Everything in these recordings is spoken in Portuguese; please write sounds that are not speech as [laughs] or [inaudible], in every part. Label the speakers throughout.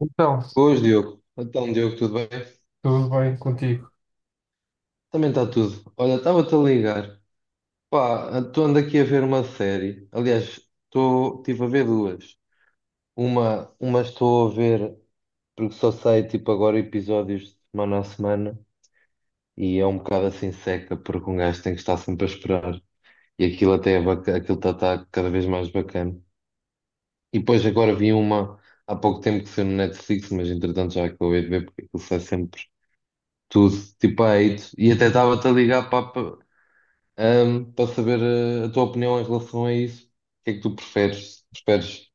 Speaker 1: Então,
Speaker 2: Boas, Diogo. Então, Diogo, tudo bem?
Speaker 1: tudo bem contigo.
Speaker 2: Também está tudo. Olha, estava-te a ligar. Pá, estou ando aqui a ver uma série. Aliás, estive a ver duas. Uma estou a ver porque só sai tipo agora episódios de semana a semana e é um bocado assim seca porque um gajo tem que estar sempre a esperar. E aquilo até é aquilo está cada vez mais bacana. E depois agora vi uma há pouco tempo que saiu no Netflix, mas entretanto já acabei de ver porque aquilo sai sempre tudo, tipo a hate. E até estava-te a ligar saber a tua opinião em relação a isso. O que é que tu preferes? Preferes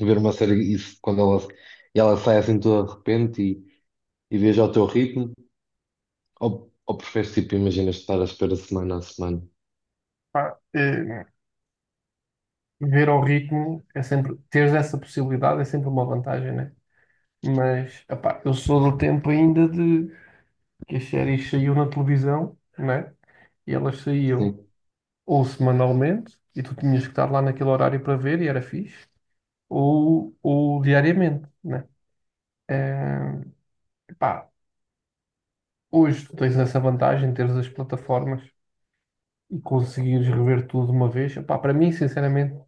Speaker 2: ver uma série isso quando ela sai assim toda de repente e vês ao teu ritmo? Ou, ou preferes, tipo, imaginas estar à espera semana a semana?
Speaker 1: Pá, ver ao ritmo é sempre, teres essa possibilidade é sempre uma vantagem, né? Mas, epá, eu sou do tempo ainda de que as séries saíam na televisão, né? E elas saíam
Speaker 2: Sim.
Speaker 1: ou semanalmente, e tu tinhas que estar lá naquele horário para ver, e era fixe, ou diariamente, né? Eh, Epá, hoje tu tens essa vantagem, de teres as plataformas e conseguires rever tudo de uma vez. Epá, para mim, sinceramente,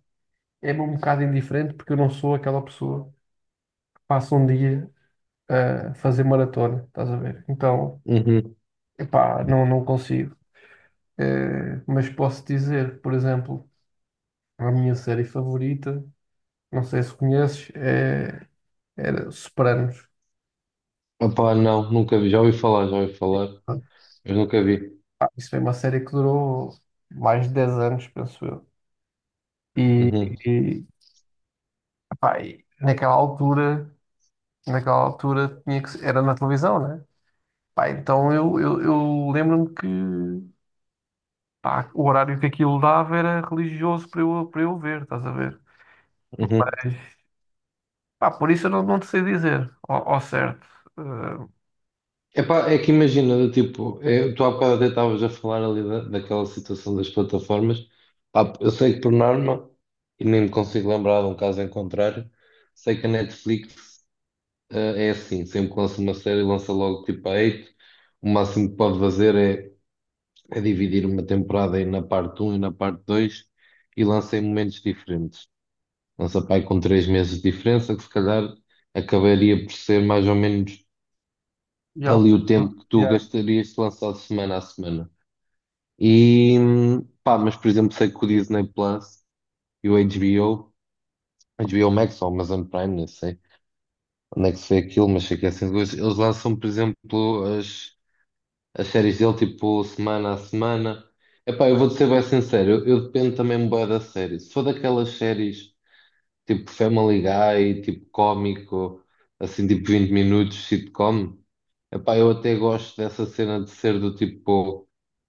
Speaker 1: é um bocado indiferente porque eu não sou aquela pessoa que passa um dia a fazer maratona, estás a ver? Então,
Speaker 2: Uhum.
Speaker 1: epá, não consigo. Mas posso dizer, por exemplo, a minha série favorita, não sei se conheces, é, era Sopranos.
Speaker 2: Opá, não, nunca vi. Já ouvi falar, mas nunca vi.
Speaker 1: Pá, isso foi uma série que durou mais de 10 anos, penso eu. E,
Speaker 2: Uhum.
Speaker 1: e, Pá, e naquela altura tinha que, era na televisão, né? Pá, então eu lembro-me que pá, o horário que aquilo dava era religioso para para eu ver, estás a ver?
Speaker 2: Uhum.
Speaker 1: Mas, pá, por isso eu não te sei dizer ao certo. Eh,
Speaker 2: Epá, é que imagina, do tipo, tu há bocado até estavas a falar ali daquela situação das plataformas. Pá, eu sei que por norma, e nem me consigo lembrar de um caso em contrário, sei que a Netflix, é assim, sempre que lança uma série, lança logo tipo a 8. O máximo que pode fazer é dividir uma temporada aí na parte um e na parte 2 e lança em momentos diferentes. Lança pá, aí com 3 meses de diferença, que se calhar acabaria por ser mais ou menos
Speaker 1: E há o-
Speaker 2: ali o tempo que tu
Speaker 1: Yeah.
Speaker 2: gastarias se lançado semana a semana. E pá, mas por exemplo, sei que o Disney Plus e o HBO Max ou Amazon Prime, não sei onde é que se vê aquilo, mas sei que é assim, de gosto. Eles lançam, por exemplo, as séries dele tipo semana a semana. Epá, eu vou-te ser bem sincero, eu dependo também bué da série. Se for daquelas séries tipo Family Guy, tipo cómico, assim tipo 20 minutos, sitcom. Epá, eu até gosto dessa cena de ser do tipo,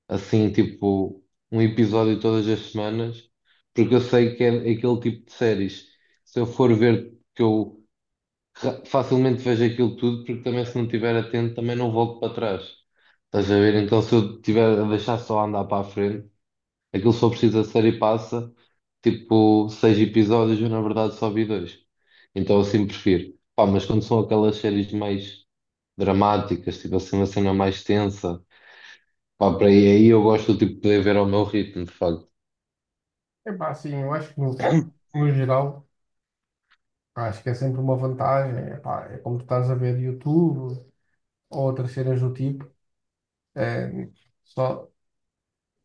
Speaker 2: assim, tipo, um episódio todas as semanas, porque eu sei que é aquele tipo de séries. Se eu for ver que eu facilmente vejo aquilo tudo, porque também se não estiver atento também não volto para trás. Estás a ver? Então se eu tiver a deixar só andar para a frente, aquilo só precisa ser e passa, tipo, seis episódios, eu na verdade só vi dois. Então assim prefiro. Pá, mas quando são aquelas séries mais dramáticas, tipo assim, uma cena mais tensa, pá, para aí, aí eu gosto tipo, de poder ver ao meu ritmo, de facto.
Speaker 1: Epá, sim, eu acho que no geral, acho que é sempre uma vantagem. Epá, é como tu estás a ver YouTube ou outras cenas do tipo. eh, só,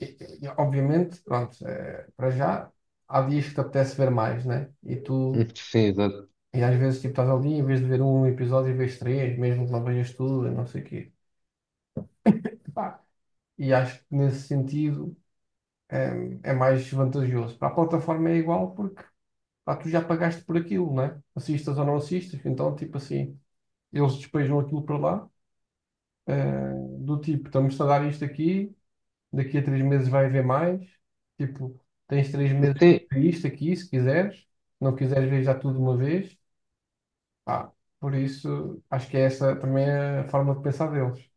Speaker 1: e- Obviamente, pronto, para já, há dias que te apetece ver mais, né? E tu,
Speaker 2: [laughs] Sim, exato.
Speaker 1: e às vezes, tipo, estás ali, em vez de ver um episódio, vês três, mesmo que não vejas tudo, e não sei o quê. Epá, e acho que nesse sentido mais vantajoso. Para a plataforma é igual porque pá, tu já pagaste por aquilo, né? Assistas ou não assistas, então tipo assim, eles despejam aquilo para lá, eh, do tipo, estamos a dar isto aqui, daqui a 3 meses vai haver mais, tipo, tens 3 meses para
Speaker 2: Sim,
Speaker 1: ver isto aqui, se quiseres, se não quiseres ver já tudo de uma vez, pá, por isso acho que essa também é a forma de pensar deles.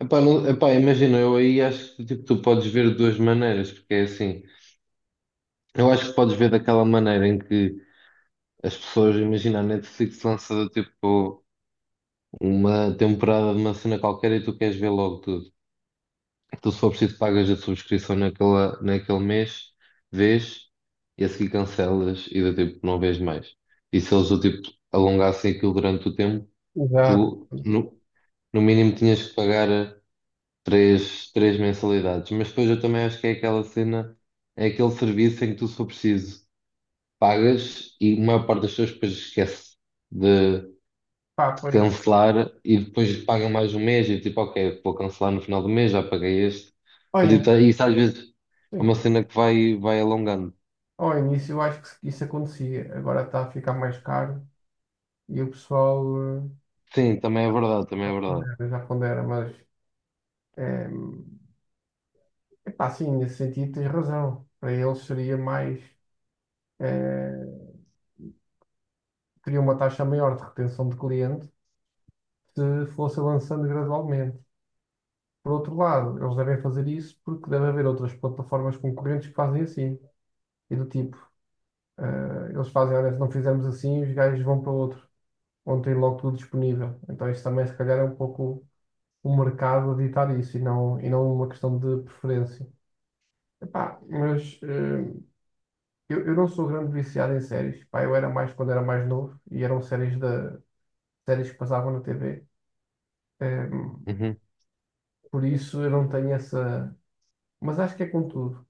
Speaker 2: epá, epá, imagina, eu aí acho que tipo, tu podes ver de duas maneiras, porque é assim, eu acho que podes ver daquela maneira em que as pessoas, imagina, a Netflix lança tipo uma temporada de uma cena qualquer e tu queres ver logo tudo. Tu, se for preciso, pagas a subscrição naquele mês, vês, e a seguir cancelas e do tipo, não vês mais. E se eles do tipo alongassem aquilo durante o tempo,
Speaker 1: Exato.
Speaker 2: tu no mínimo tinhas que pagar três mensalidades. Mas depois eu também acho que é aquela cena, é aquele serviço em que tu, se for preciso, pagas e a maior parte das pessoas depois esquece de,
Speaker 1: Pá,
Speaker 2: de
Speaker 1: pois,
Speaker 2: cancelar e depois pagam mais um mês e tipo, ok, vou cancelar no final do mês, já paguei este. Mas, tipo,
Speaker 1: olhem,
Speaker 2: isso às vezes é
Speaker 1: sim.
Speaker 2: uma cena que vai alongando.
Speaker 1: Ao início eu acho que isso acontecia, agora está a ficar mais caro e o pessoal eh,
Speaker 2: Sim, também é verdade, também é verdade.
Speaker 1: pondera, já pondera, mas é, epá, sim, nesse sentido tens razão. Para eles seria eh, teria uma taxa maior de retenção de cliente se fosse avançando gradualmente. Por outro lado, eles devem fazer isso porque deve haver outras plataformas concorrentes que fazem assim. E do tipo, eles fazem, olha, se não fizermos assim, os gajos vão para outro, onde tem logo tudo disponível. Então isso também se calhar é um pouco o mercado a ditar isso e não uma questão de preferência. Epá, mas eu não sou grande viciado em séries. Pá, eu era mais quando era mais novo e eram séries que passavam na TV. Eh,
Speaker 2: Uhum.
Speaker 1: por isso eu não tenho essa. Mas acho que é com tudo.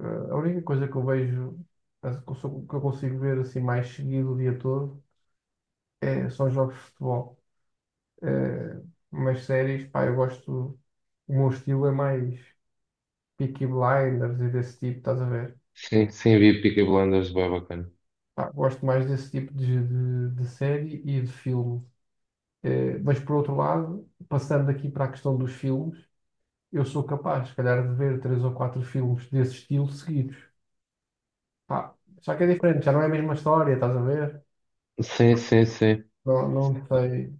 Speaker 1: Eh, a única coisa que eu vejo, que eu consigo ver assim mais seguido o dia todo, são jogos de futebol. Eh, mas séries, pá, eu gosto. O meu estilo é mais Peaky Blinders e desse tipo, estás a ver?
Speaker 2: Sim, sim, vi Peaky Blinders, bem bacana.
Speaker 1: Pá, gosto mais desse tipo de série e de filme. Mas por outro lado, passando aqui para a questão dos filmes, eu sou capaz, se calhar, de ver três ou quatro filmes desse estilo seguidos. Pá, só que é diferente, já não é a mesma história, estás a ver?
Speaker 2: Sim, sim, sim.
Speaker 1: Não sei.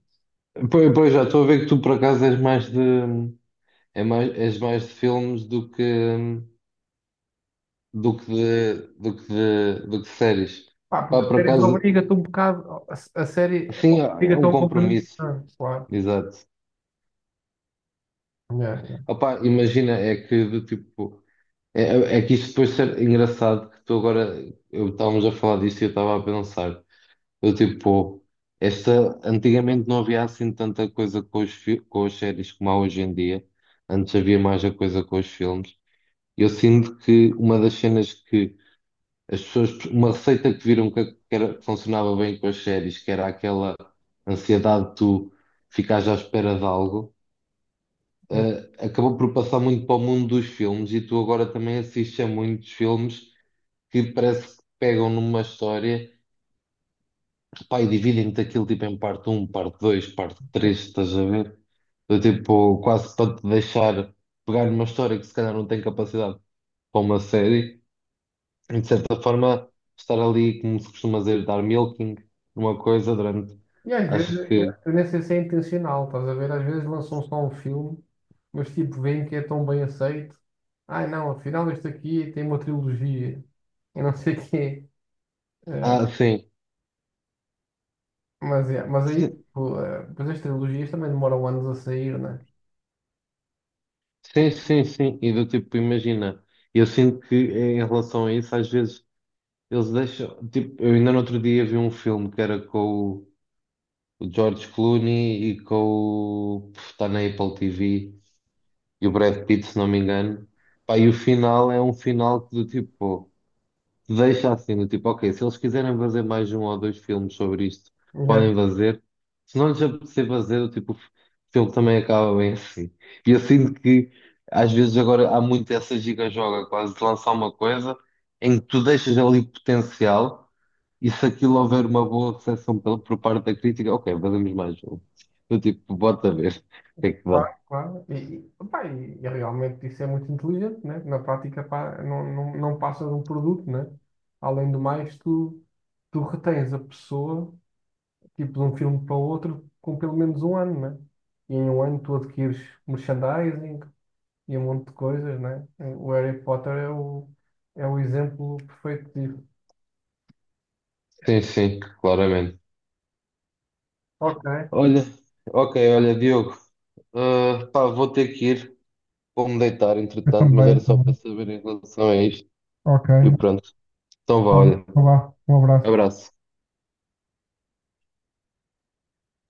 Speaker 2: Pois, pois já estou a ver que tu por acaso és mais de filmes do que de séries.
Speaker 1: Pá,
Speaker 2: Pá,
Speaker 1: porque
Speaker 2: por
Speaker 1: séries
Speaker 2: acaso,
Speaker 1: obriga-te um bocado, a série
Speaker 2: sim, é
Speaker 1: obriga-te a
Speaker 2: um
Speaker 1: um compromisso.
Speaker 2: compromisso.
Speaker 1: Ah, claro.
Speaker 2: Exato.
Speaker 1: Yeah,
Speaker 2: Opa, imagina, é que do tipo, é que isso depois ser engraçado que tu agora, eu estávamos a falar disto e eu estava a pensar, eu tipo, esta, antigamente não havia assim tanta coisa com com as séries como há hoje em dia, antes havia mais a coisa com os filmes, e eu sinto que uma das cenas que as pessoas, uma receita que viram que era, que funcionava bem com as séries, que era aquela ansiedade de tu ficares à espera de algo,
Speaker 1: yeah.
Speaker 2: acabou por passar muito para o mundo dos filmes e tu agora também assistes a muitos filmes que parece que pegam numa história, pá, e dividem-te aquilo tipo em parte um, parte 2, parte 3, estás a ver? Eu, tipo, quase para te deixar pegar numa história que se calhar não tem capacidade para uma série, e de certa forma estar ali, como se costuma dizer, dar milking numa coisa durante,
Speaker 1: E às vezes,
Speaker 2: acho que,
Speaker 1: eu nem sei se é intencional, estás a ver? Às vezes lançam só um filme, mas tipo, veem que é tão bem aceito. Ai não, afinal este aqui tem uma trilogia. Eu não sei o quê. Eh,
Speaker 2: ah, sim.
Speaker 1: mas aí, tipo, depois as trilogias também demoram anos a sair, né?
Speaker 2: Sim, sim, sim. E do tipo, imagina, eu sinto que em relação a isso, às vezes eles deixam. Tipo, eu ainda no outro dia vi um filme que era com o o George Clooney e com o, está na Apple TV e o Brad Pitt, se não me engano. Pá, e o final é um final que do tipo deixa assim, do tipo, ok, se eles quiserem fazer mais um ou dois filmes sobre isto,
Speaker 1: Já,
Speaker 2: podem fazer. Se não lhes apetecer fazer, o tipo, o filme também acaba bem assim. E eu sinto que às vezes agora há muito essa giga-joga quase de lançar uma coisa em que tu deixas ali potencial e se aquilo houver uma boa recepção por parte da crítica, ok, fazemos mais um. Do tipo, bota ver [laughs] o que é que dá.
Speaker 1: claro, claro. E realmente isso é muito inteligente, né? Na prática, pá, não passa de um produto, né? Além do mais, tu retens a pessoa, tipo, de um filme para o outro, com pelo menos um ano, né? E em um ano tu adquires merchandising e um monte de coisas, né? O Harry Potter é o exemplo perfeito disso.
Speaker 2: Sim, sim, claramente.
Speaker 1: Ok.
Speaker 2: Olha, ok, olha, Diogo, ah, pá, vou ter que ir. Vou-me deitar, entretanto, mas era
Speaker 1: Eu
Speaker 2: só para
Speaker 1: também.
Speaker 2: saber em relação a isto.
Speaker 1: Ok.
Speaker 2: E pronto. Então vá,
Speaker 1: Tá bom.
Speaker 2: olha.
Speaker 1: Então vá. Um abraço.
Speaker 2: Abraço.